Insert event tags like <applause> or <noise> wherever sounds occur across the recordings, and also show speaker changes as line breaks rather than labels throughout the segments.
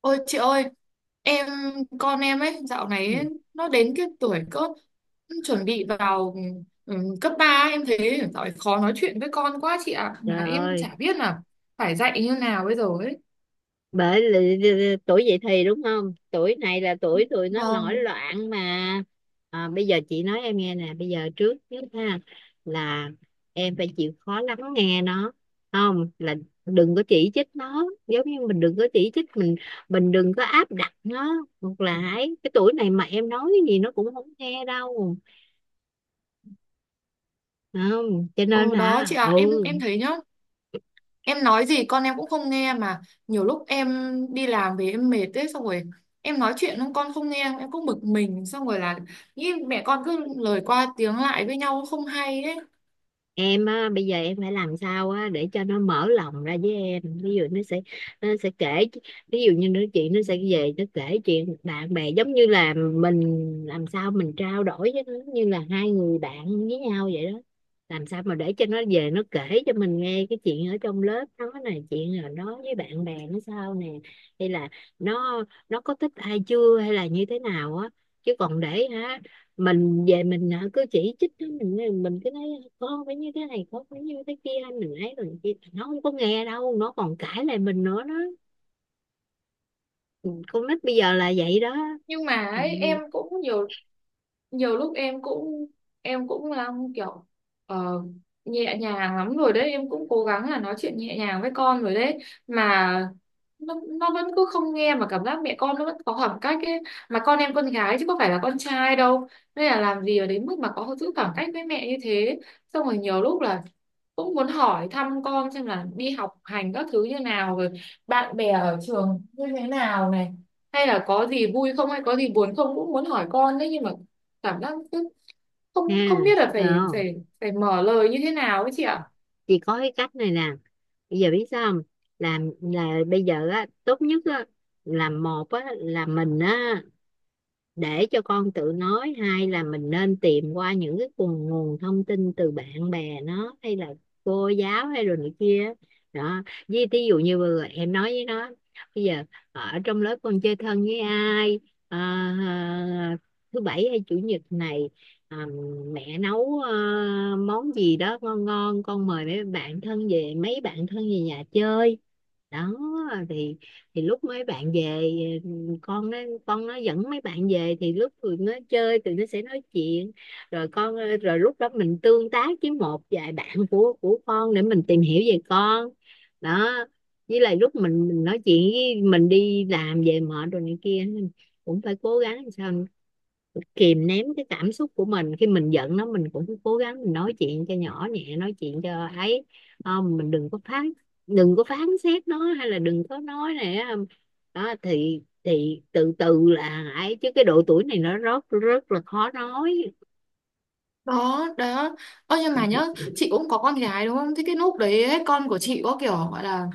Ôi chị ơi, em con em ấy dạo này
Ừ,
ấy, nó đến cái tuổi cỡ chuẩn bị vào cấp ba. Em thấy dạo này khó nói chuyện với con quá chị ạ, mà
trời
em
ơi,
chả biết là phải dạy như nào bây giờ ấy.
bởi tuổi dậy thì đúng không? Tuổi này là tuổi tụi nó nổi
Vâng.
loạn mà. À, bây giờ chị nói em nghe nè, bây giờ trước nhất ha là em phải chịu khó lắng nghe nó. Không, là đừng có chỉ trích nó, giống như mình đừng có chỉ trích mình đừng có áp đặt nó ngược lại. Cái tuổi này mà em nói cái gì nó cũng không nghe đâu. Không, cho nên
Ồ đó chị
hả?
ạ, em
Ừ,
em thấy nhá, em nói gì con em cũng không nghe. Mà nhiều lúc em đi làm về em mệt ấy, xong rồi em nói chuyện không con không nghe, em cũng bực mình, xong rồi là nghĩ mẹ con cứ lời qua tiếng lại với nhau không hay ấy.
em á, bây giờ em phải làm sao á để cho nó mở lòng ra với em, ví dụ nó sẽ kể, ví dụ như nó chuyện nó sẽ về nó kể chuyện bạn bè, giống như là mình làm sao mình trao đổi với nó như là hai người bạn với nhau vậy đó. Làm sao mà để cho nó về nó kể cho mình nghe cái chuyện ở trong lớp nó nè, chuyện là nó với bạn bè nó sao nè, hay là nó nó có thích ai chưa hay là như thế nào á, chứ còn để hả, mình về mình hả, cứ chỉ trích nó, mình cứ nói con phải như thế này con phải như thế kia, mình ấy rồi kia nó không có nghe đâu, nó còn cãi lại mình nữa đó. Con nít bây giờ là vậy đó.
Nhưng mà
Ừ,
ấy, em cũng nhiều, nhiều lúc em cũng, em cũng là kiểu, ờ, nhẹ nhàng lắm rồi đấy, em cũng cố gắng là nói chuyện nhẹ nhàng với con rồi đấy, mà nó vẫn cứ không nghe, mà cảm giác mẹ con nó vẫn có khoảng cách ấy. Mà con em con gái chứ có phải là con trai đâu, nên là làm gì ở đến mức mà có giữ khoảng cách với mẹ như thế. Xong rồi nhiều lúc là cũng muốn hỏi thăm con xem là đi học hành các thứ như nào rồi, bạn bè ở trường như thế nào này, hay là có gì vui không, hay có gì buồn không, cũng muốn hỏi con đấy, nhưng mà cảm giác cứ không, không
ha,
biết là phải
không?
phải phải mở lời như thế nào ấy chị ạ.
Chỉ có cái cách này nè, bây giờ biết sao không, làm là bây giờ á tốt nhất á là một á là mình á để cho con tự nói, hay là mình nên tìm qua những cái nguồn nguồn thông tin từ bạn bè nó hay là cô giáo hay rồi này kia đó. Với thí dụ như vừa rồi em nói với nó, bây giờ ở trong lớp con chơi thân với ai. Ờ, ờ, thứ bảy hay chủ nhật này, ờ, mẹ nấu món gì đó ngon ngon, con mời mấy bạn thân về, mấy bạn thân về nhà chơi đó. Thì lúc mấy bạn về, ừ, con nó con nó dẫn mấy bạn về, thì lúc tụi nó chơi tụi nó sẽ nói chuyện. Rồi con, rồi lúc đó mình tương tác với một vài bạn của con để mình tìm hiểu về con đó. Với lại lúc mình nói chuyện với, mình đi làm về mệt rồi này kia, cũng phải cố gắng làm sao kìm nén cái cảm xúc của mình, khi mình giận nó mình cũng cố gắng mình nói chuyện cho nhỏ nhẹ, nói chuyện cho ấy. Không, mình đừng có phán, đừng có phán xét nó hay là đừng có nói này đó, đó thì từ từ là ấy, chứ cái độ tuổi này nó rất rất là khó nói.
Đó đó, ơ nhưng mà nhớ chị cũng có con gái đúng không, thế cái lúc đấy ấy, con của chị có kiểu gọi là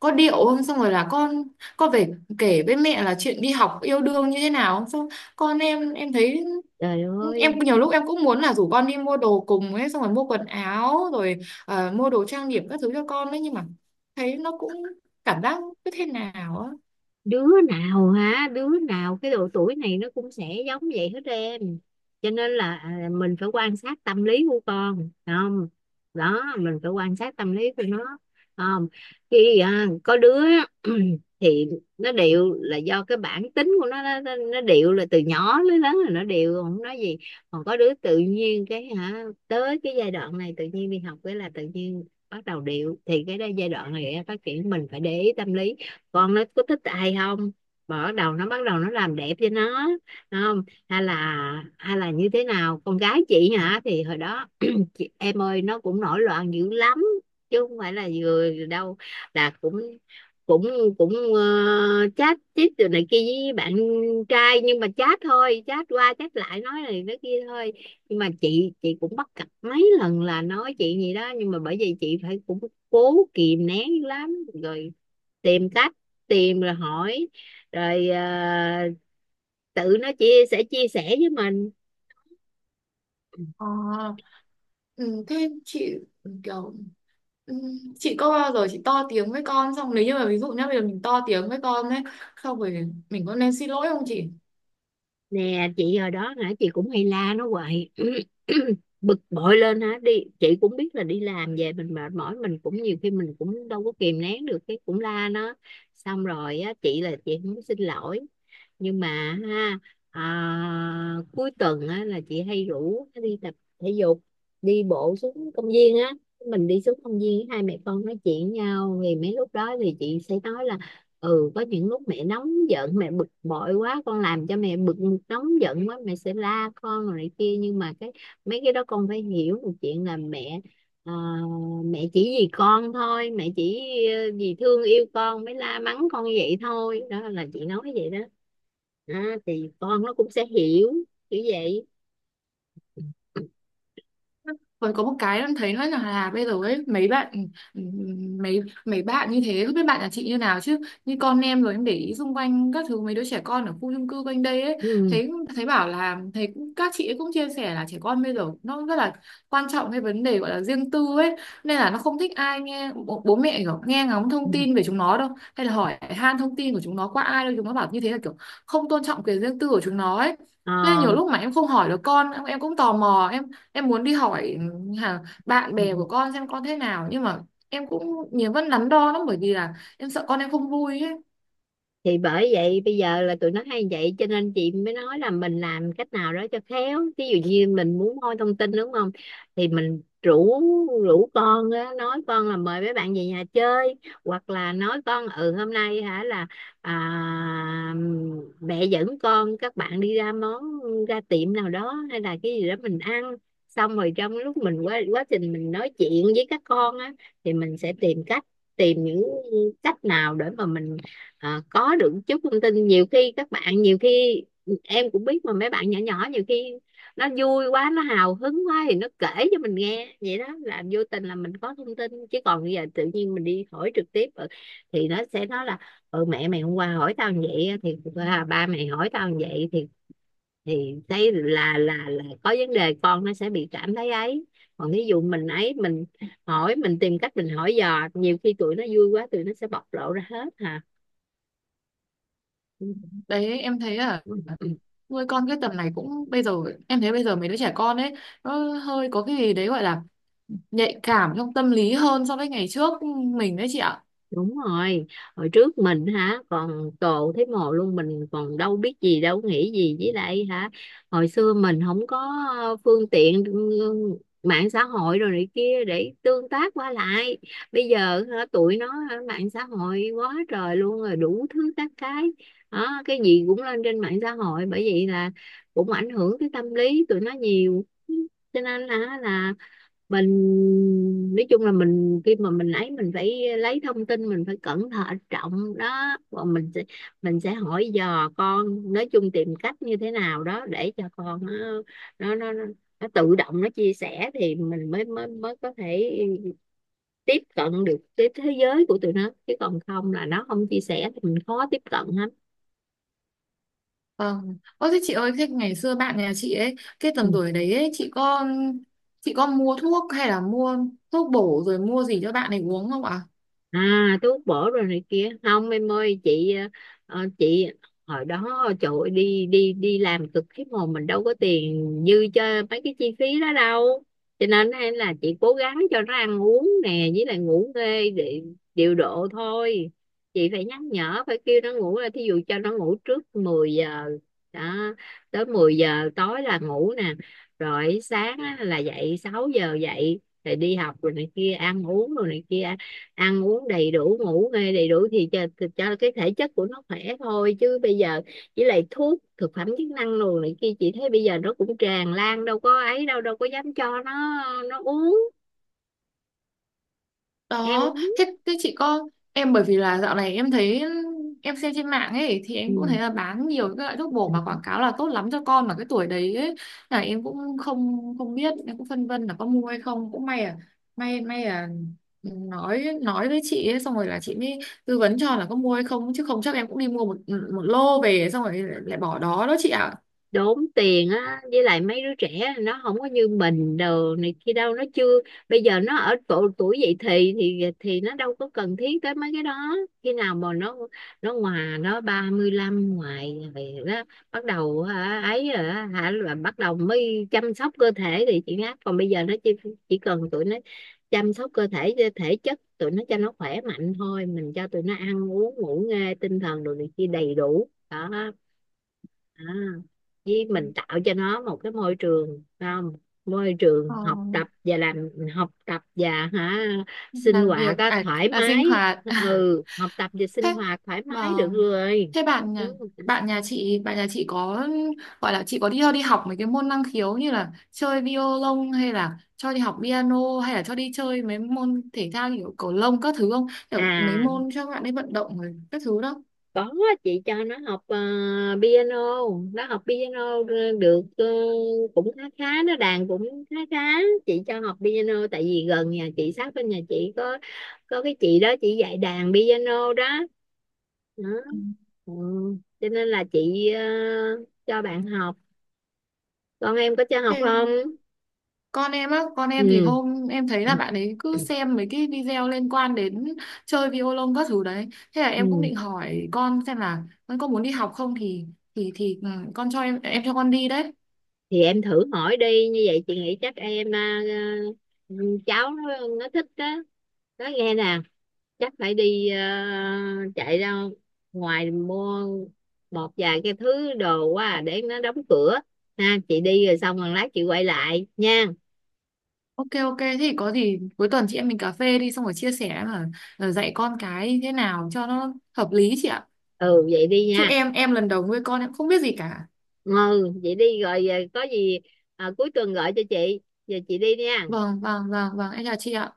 có điệu không, xong rồi là con về kể với mẹ là chuyện đi học yêu đương như thế nào không? Xong con em thấy,
Trời
em
ơi,
nhiều lúc em cũng muốn là rủ con đi mua đồ cùng ấy, xong rồi mua quần áo rồi mua đồ trang điểm các thứ cho con đấy, nhưng mà thấy nó cũng cảm giác cứ thế nào á.
đứa nào hả, đứa nào cái độ tuổi này nó cũng sẽ giống vậy hết em. Cho nên là à, mình phải quan sát tâm lý của con phải không, đó mình phải quan sát tâm lý của nó. Không, khi à, có đứa <clears throat> thì nó điệu là do cái bản tính của nó, nó điệu là từ nhỏ đến lớn là nó điệu không nói gì. Còn có đứa tự nhiên cái hả tới cái giai đoạn này tự nhiên đi học cái là tự nhiên bắt đầu điệu, thì cái đó giai đoạn này em phát triển mình phải để ý tâm lý, con nó có thích ai không, mở đầu nó bắt đầu nó làm đẹp cho nó, không, hay là như thế nào. Con gái chị hả thì hồi đó <clears throat> chị, em ơi, nó cũng nổi loạn dữ lắm chứ không phải là vừa đâu, là cũng cũng cũng ờ, chat chít từ này kia với bạn trai, nhưng mà chat thôi, chat qua chat lại nói này nói kia thôi. Nhưng mà chị cũng bắt gặp mấy lần là nói chị gì đó, nhưng mà bởi vì chị phải cũng cố kìm nén dữ lắm rồi, tìm cách, tìm rồi hỏi, rồi ờ, tự nó chia sẻ với mình.
Ờ, ừ, thế chị kiểu, ừ, chị có bao giờ chị to tiếng với con, xong nếu như mà ví dụ nhá bây giờ mình to tiếng với con ấy, xong rồi mình có nên xin lỗi không chị?
Nè chị hồi đó hả chị cũng hay la nó hoài <clears throat> <coughs> bực bội lên hả đi, chị cũng biết là đi làm về mình mệt mỏi mình cũng nhiều khi mình cũng đâu có kìm nén được, cái cũng la nó. Xong rồi á chị là chị không có xin lỗi, nhưng mà ha à, cuối tuần á, là chị hay rủ nó đi tập thể dục, đi bộ xuống công viên á, mình đi xuống công viên hai mẹ con nói chuyện với nhau, thì mấy lúc đó thì chị sẽ nói là ừ có những lúc mẹ nóng giận mẹ bực bội quá con làm cho mẹ bực, nóng giận quá mẹ sẽ la con rồi này kia, nhưng mà cái mấy cái đó con phải hiểu một chuyện là mẹ à, mẹ chỉ vì con thôi, mẹ chỉ ờ, vì thương yêu con mới la mắng con vậy thôi, đó là chị nói vậy đó. À, thì con nó cũng sẽ hiểu kiểu vậy.
Còn có một cái em thấy nữa là bây giờ ấy mấy bạn, ừ, mấy mấy bạn như thế, không biết bạn nhà chị như nào chứ như con em rồi em để ý xung quanh các thứ mấy đứa trẻ con ở khu chung cư quanh đây ấy,
Ừ.
thấy, thấy bảo là thấy các chị ấy cũng chia sẻ là trẻ con bây giờ nó rất là quan trọng cái vấn đề gọi là riêng tư ấy. Nên là nó không thích ai nghe bố mẹ kiểu nghe ngóng thông tin về chúng nó đâu, hay là hỏi han thông tin của chúng nó qua ai đâu. Chúng nó bảo như thế là kiểu không tôn trọng quyền riêng tư của chúng nó ấy.
Ờ.
Nên nhiều lúc mà em không hỏi được con em cũng tò mò, em muốn đi hỏi hả bạn
Ừ,
bè
ừ.
của con xem con thế nào, nhưng mà em cũng nhiều vẫn đắn đo lắm, bởi vì là em sợ con em không vui ấy.
Thì bởi vậy bây giờ là tụi nó hay vậy cho nên chị mới nói là mình làm cách nào đó cho khéo, ví dụ như mình muốn moi thông tin đúng không, thì mình rủ, con á, nói con là mời mấy bạn về nhà chơi, hoặc là nói con ừ hôm nay hả là à, mẹ dẫn con các bạn đi ra món, ra tiệm nào đó hay là cái gì đó mình ăn. Xong rồi trong lúc mình quá quá trình mình nói chuyện với các con á, thì mình sẽ tìm cách, tìm những cách nào để mà mình ờ, có được chút thông tin. Nhiều khi các bạn, nhiều khi em cũng biết mà, mấy bạn nhỏ nhỏ nhiều khi nó vui quá nó hào hứng quá thì nó kể cho mình nghe vậy đó, là vô tình là mình có thông tin. Chứ còn bây giờ tự nhiên mình đi hỏi trực tiếp ờ, thì nó sẽ nói là ừ mẹ mày hôm qua hỏi tao như vậy á, thì à, ba mày hỏi tao như vậy thì thấy là có vấn đề con nó sẽ bị cảm thấy ấy. Còn ví dụ mình ấy mình hỏi, mình tìm cách mình hỏi dò, nhiều khi tụi nó vui quá tụi nó sẽ bộc lộ ra hết hả.
Ừ. Đấy em thấy là
Ừ. Ừ.
nuôi con cái tầm này cũng bây giờ em thấy bây giờ mấy đứa trẻ con ấy nó hơi có cái gì đấy gọi là nhạy cảm trong tâm lý hơn so với ngày trước mình đấy chị ạ.
Đúng rồi, hồi trước mình hả còn cồ thấy mồ luôn, mình còn đâu biết gì đâu nghĩ gì, với lại hả hồi xưa mình không có ờ, phương tiện ừ, mạng xã hội rồi này kia để tương tác qua lại. Bây giờ hả, tụi nó hả, mạng xã hội quá trời luôn rồi, đủ thứ các cái đó, cái gì cũng lên trên mạng xã hội, bởi vậy là cũng ảnh hưởng tới tâm lý tụi nó nhiều. Cho nên là mình nói chung là mình khi mà mình ấy mình phải lấy thông tin mình phải cẩn thận trọng đó, và mình sẽ hỏi dò con. Nói chung tìm cách như thế nào đó để cho con nó nó tự động nó chia sẻ, thì mình mới mới mới có thể tiếp cận được cái thế giới của tụi nó, chứ còn không là nó không chia sẻ thì mình khó tiếp cận lắm.
Vâng, ơ thế chị ơi, thế ngày xưa bạn nhà chị ấy cái tầm
Ừ.
tuổi đấy ấy, chị có, chị có mua thuốc hay là mua thuốc bổ rồi mua gì cho bạn ấy uống không ạ?
À cái út bổ rồi này kia không em ơi, chị ờ, ờ, chị hồi đó trời ơi, đi đi đi làm cực khiếp hồn, mình đâu có tiền dư cho mấy cái chi phí đó đâu. Cho nên hay là chị cố gắng cho nó ăn uống nè với lại ngủ nghê để điều độ thôi. Chị phải nhắc nhở phải kêu nó ngủ, là thí dụ cho nó ngủ trước 10 giờ đó, tới 10 giờ tối là ngủ nè, rồi sáng á, là dậy 6 giờ dậy rồi đi học rồi này kia ăn uống rồi này kia, ăn uống đầy đủ ngủ nghê đầy đủ thì cho cái thể chất của nó khỏe thôi. Chứ bây giờ với lại thuốc thực phẩm chức năng đồ này kia chị thấy bây giờ nó cũng tràn lan đâu có ấy, đâu đâu có dám cho nó uống, em
Đó
uống.
thế, thế chị có, em bởi vì là dạo này em thấy, em xem trên mạng ấy thì
Ừ.
em cũng thấy là bán nhiều cái loại thuốc bổ mà quảng cáo là tốt lắm cho con mà cái tuổi đấy ấy, là em cũng không, không biết, em cũng phân vân là có mua hay không. Cũng may à, may may à, nói với chị ấy, xong rồi là chị mới tư vấn cho là có mua hay không, chứ không chắc em cũng đi mua một, một lô về xong rồi lại bỏ đó đó chị ạ.
Đốn tiền á, với lại mấy đứa trẻ nó không có như mình đồ này kia đâu nó chưa, bây giờ nó ở độ tuổi dậy thì thì nó đâu có cần thiết tới mấy cái đó. Khi nào mà nó ngoài nó 35 ngoài thì đó bắt đầu hả, ấy rồi á, hả là bắt đầu mới chăm sóc cơ thể thì chị ngáp. Còn bây giờ nó chỉ cần tụi nó chăm sóc cơ thể thể chất tụi nó cho nó khỏe mạnh thôi, mình cho tụi nó ăn uống ngủ nghê tinh thần đồ này kia đầy đủ đó. À, với mình tạo cho nó một cái môi trường, không, môi
Ờ,
trường học tập và làm, học tập và hả sinh
làm việc
hoạt á,
à,
thoải
là sinh
mái.
hoạt <laughs>
Ừ học tập và sinh
thế,
hoạt thoải mái được
vâng,
rồi.
thế
Ừ.
bạn nhà chị có gọi là chị có đi cho đi học mấy cái môn năng khiếu như là chơi violon hay là cho đi học piano, hay là cho đi chơi mấy môn thể thao như kiểu cầu lông các thứ không, kiểu mấy
À
môn cho bạn ấy vận động rồi các thứ đó?
có, chị cho nó học ờ, piano, nó học piano được ờ, cũng khá khá, nó đàn cũng khá khá. Chị cho học piano tại vì gần nhà chị sát bên nhà chị có cái chị đó chị dạy đàn piano đó, đó. Ừ. Cho nên là chị ờ, cho bạn học, con em có cho học
Thế
không.
con em á, con em thì
Ừ.
hôm em thấy là bạn ấy cứ xem mấy cái video liên quan đến chơi violon các thứ đấy, thế là em cũng
Ừ.
định hỏi con xem là con có muốn đi học không thì, thì ừ, cho em cho con đi đấy.
Thì em thử hỏi đi, như vậy chị nghĩ chắc em ờ, ừ, cháu nó thích đó, nói nghe nè, chắc phải đi ờ, chạy ra ngoài mua một vài cái thứ đồ quá à, để nó đóng cửa. Ha chị đi rồi xong rồi lát chị quay lại nha.
Ok ok, thế thì có gì cuối tuần chị em mình cà phê đi, xong rồi chia sẻ mà, ờ, dạy con cái như thế nào cho nó hợp lý chị ạ.
Ừ vậy đi
Chứ
nha.
em lần đầu nuôi con em không biết gì cả.
Ừ vậy đi rồi ờ, có gì ờ, cuối tuần gọi cho chị, giờ chị đi nha.
Vâng vâng vâng vâng, em chào chị ạ.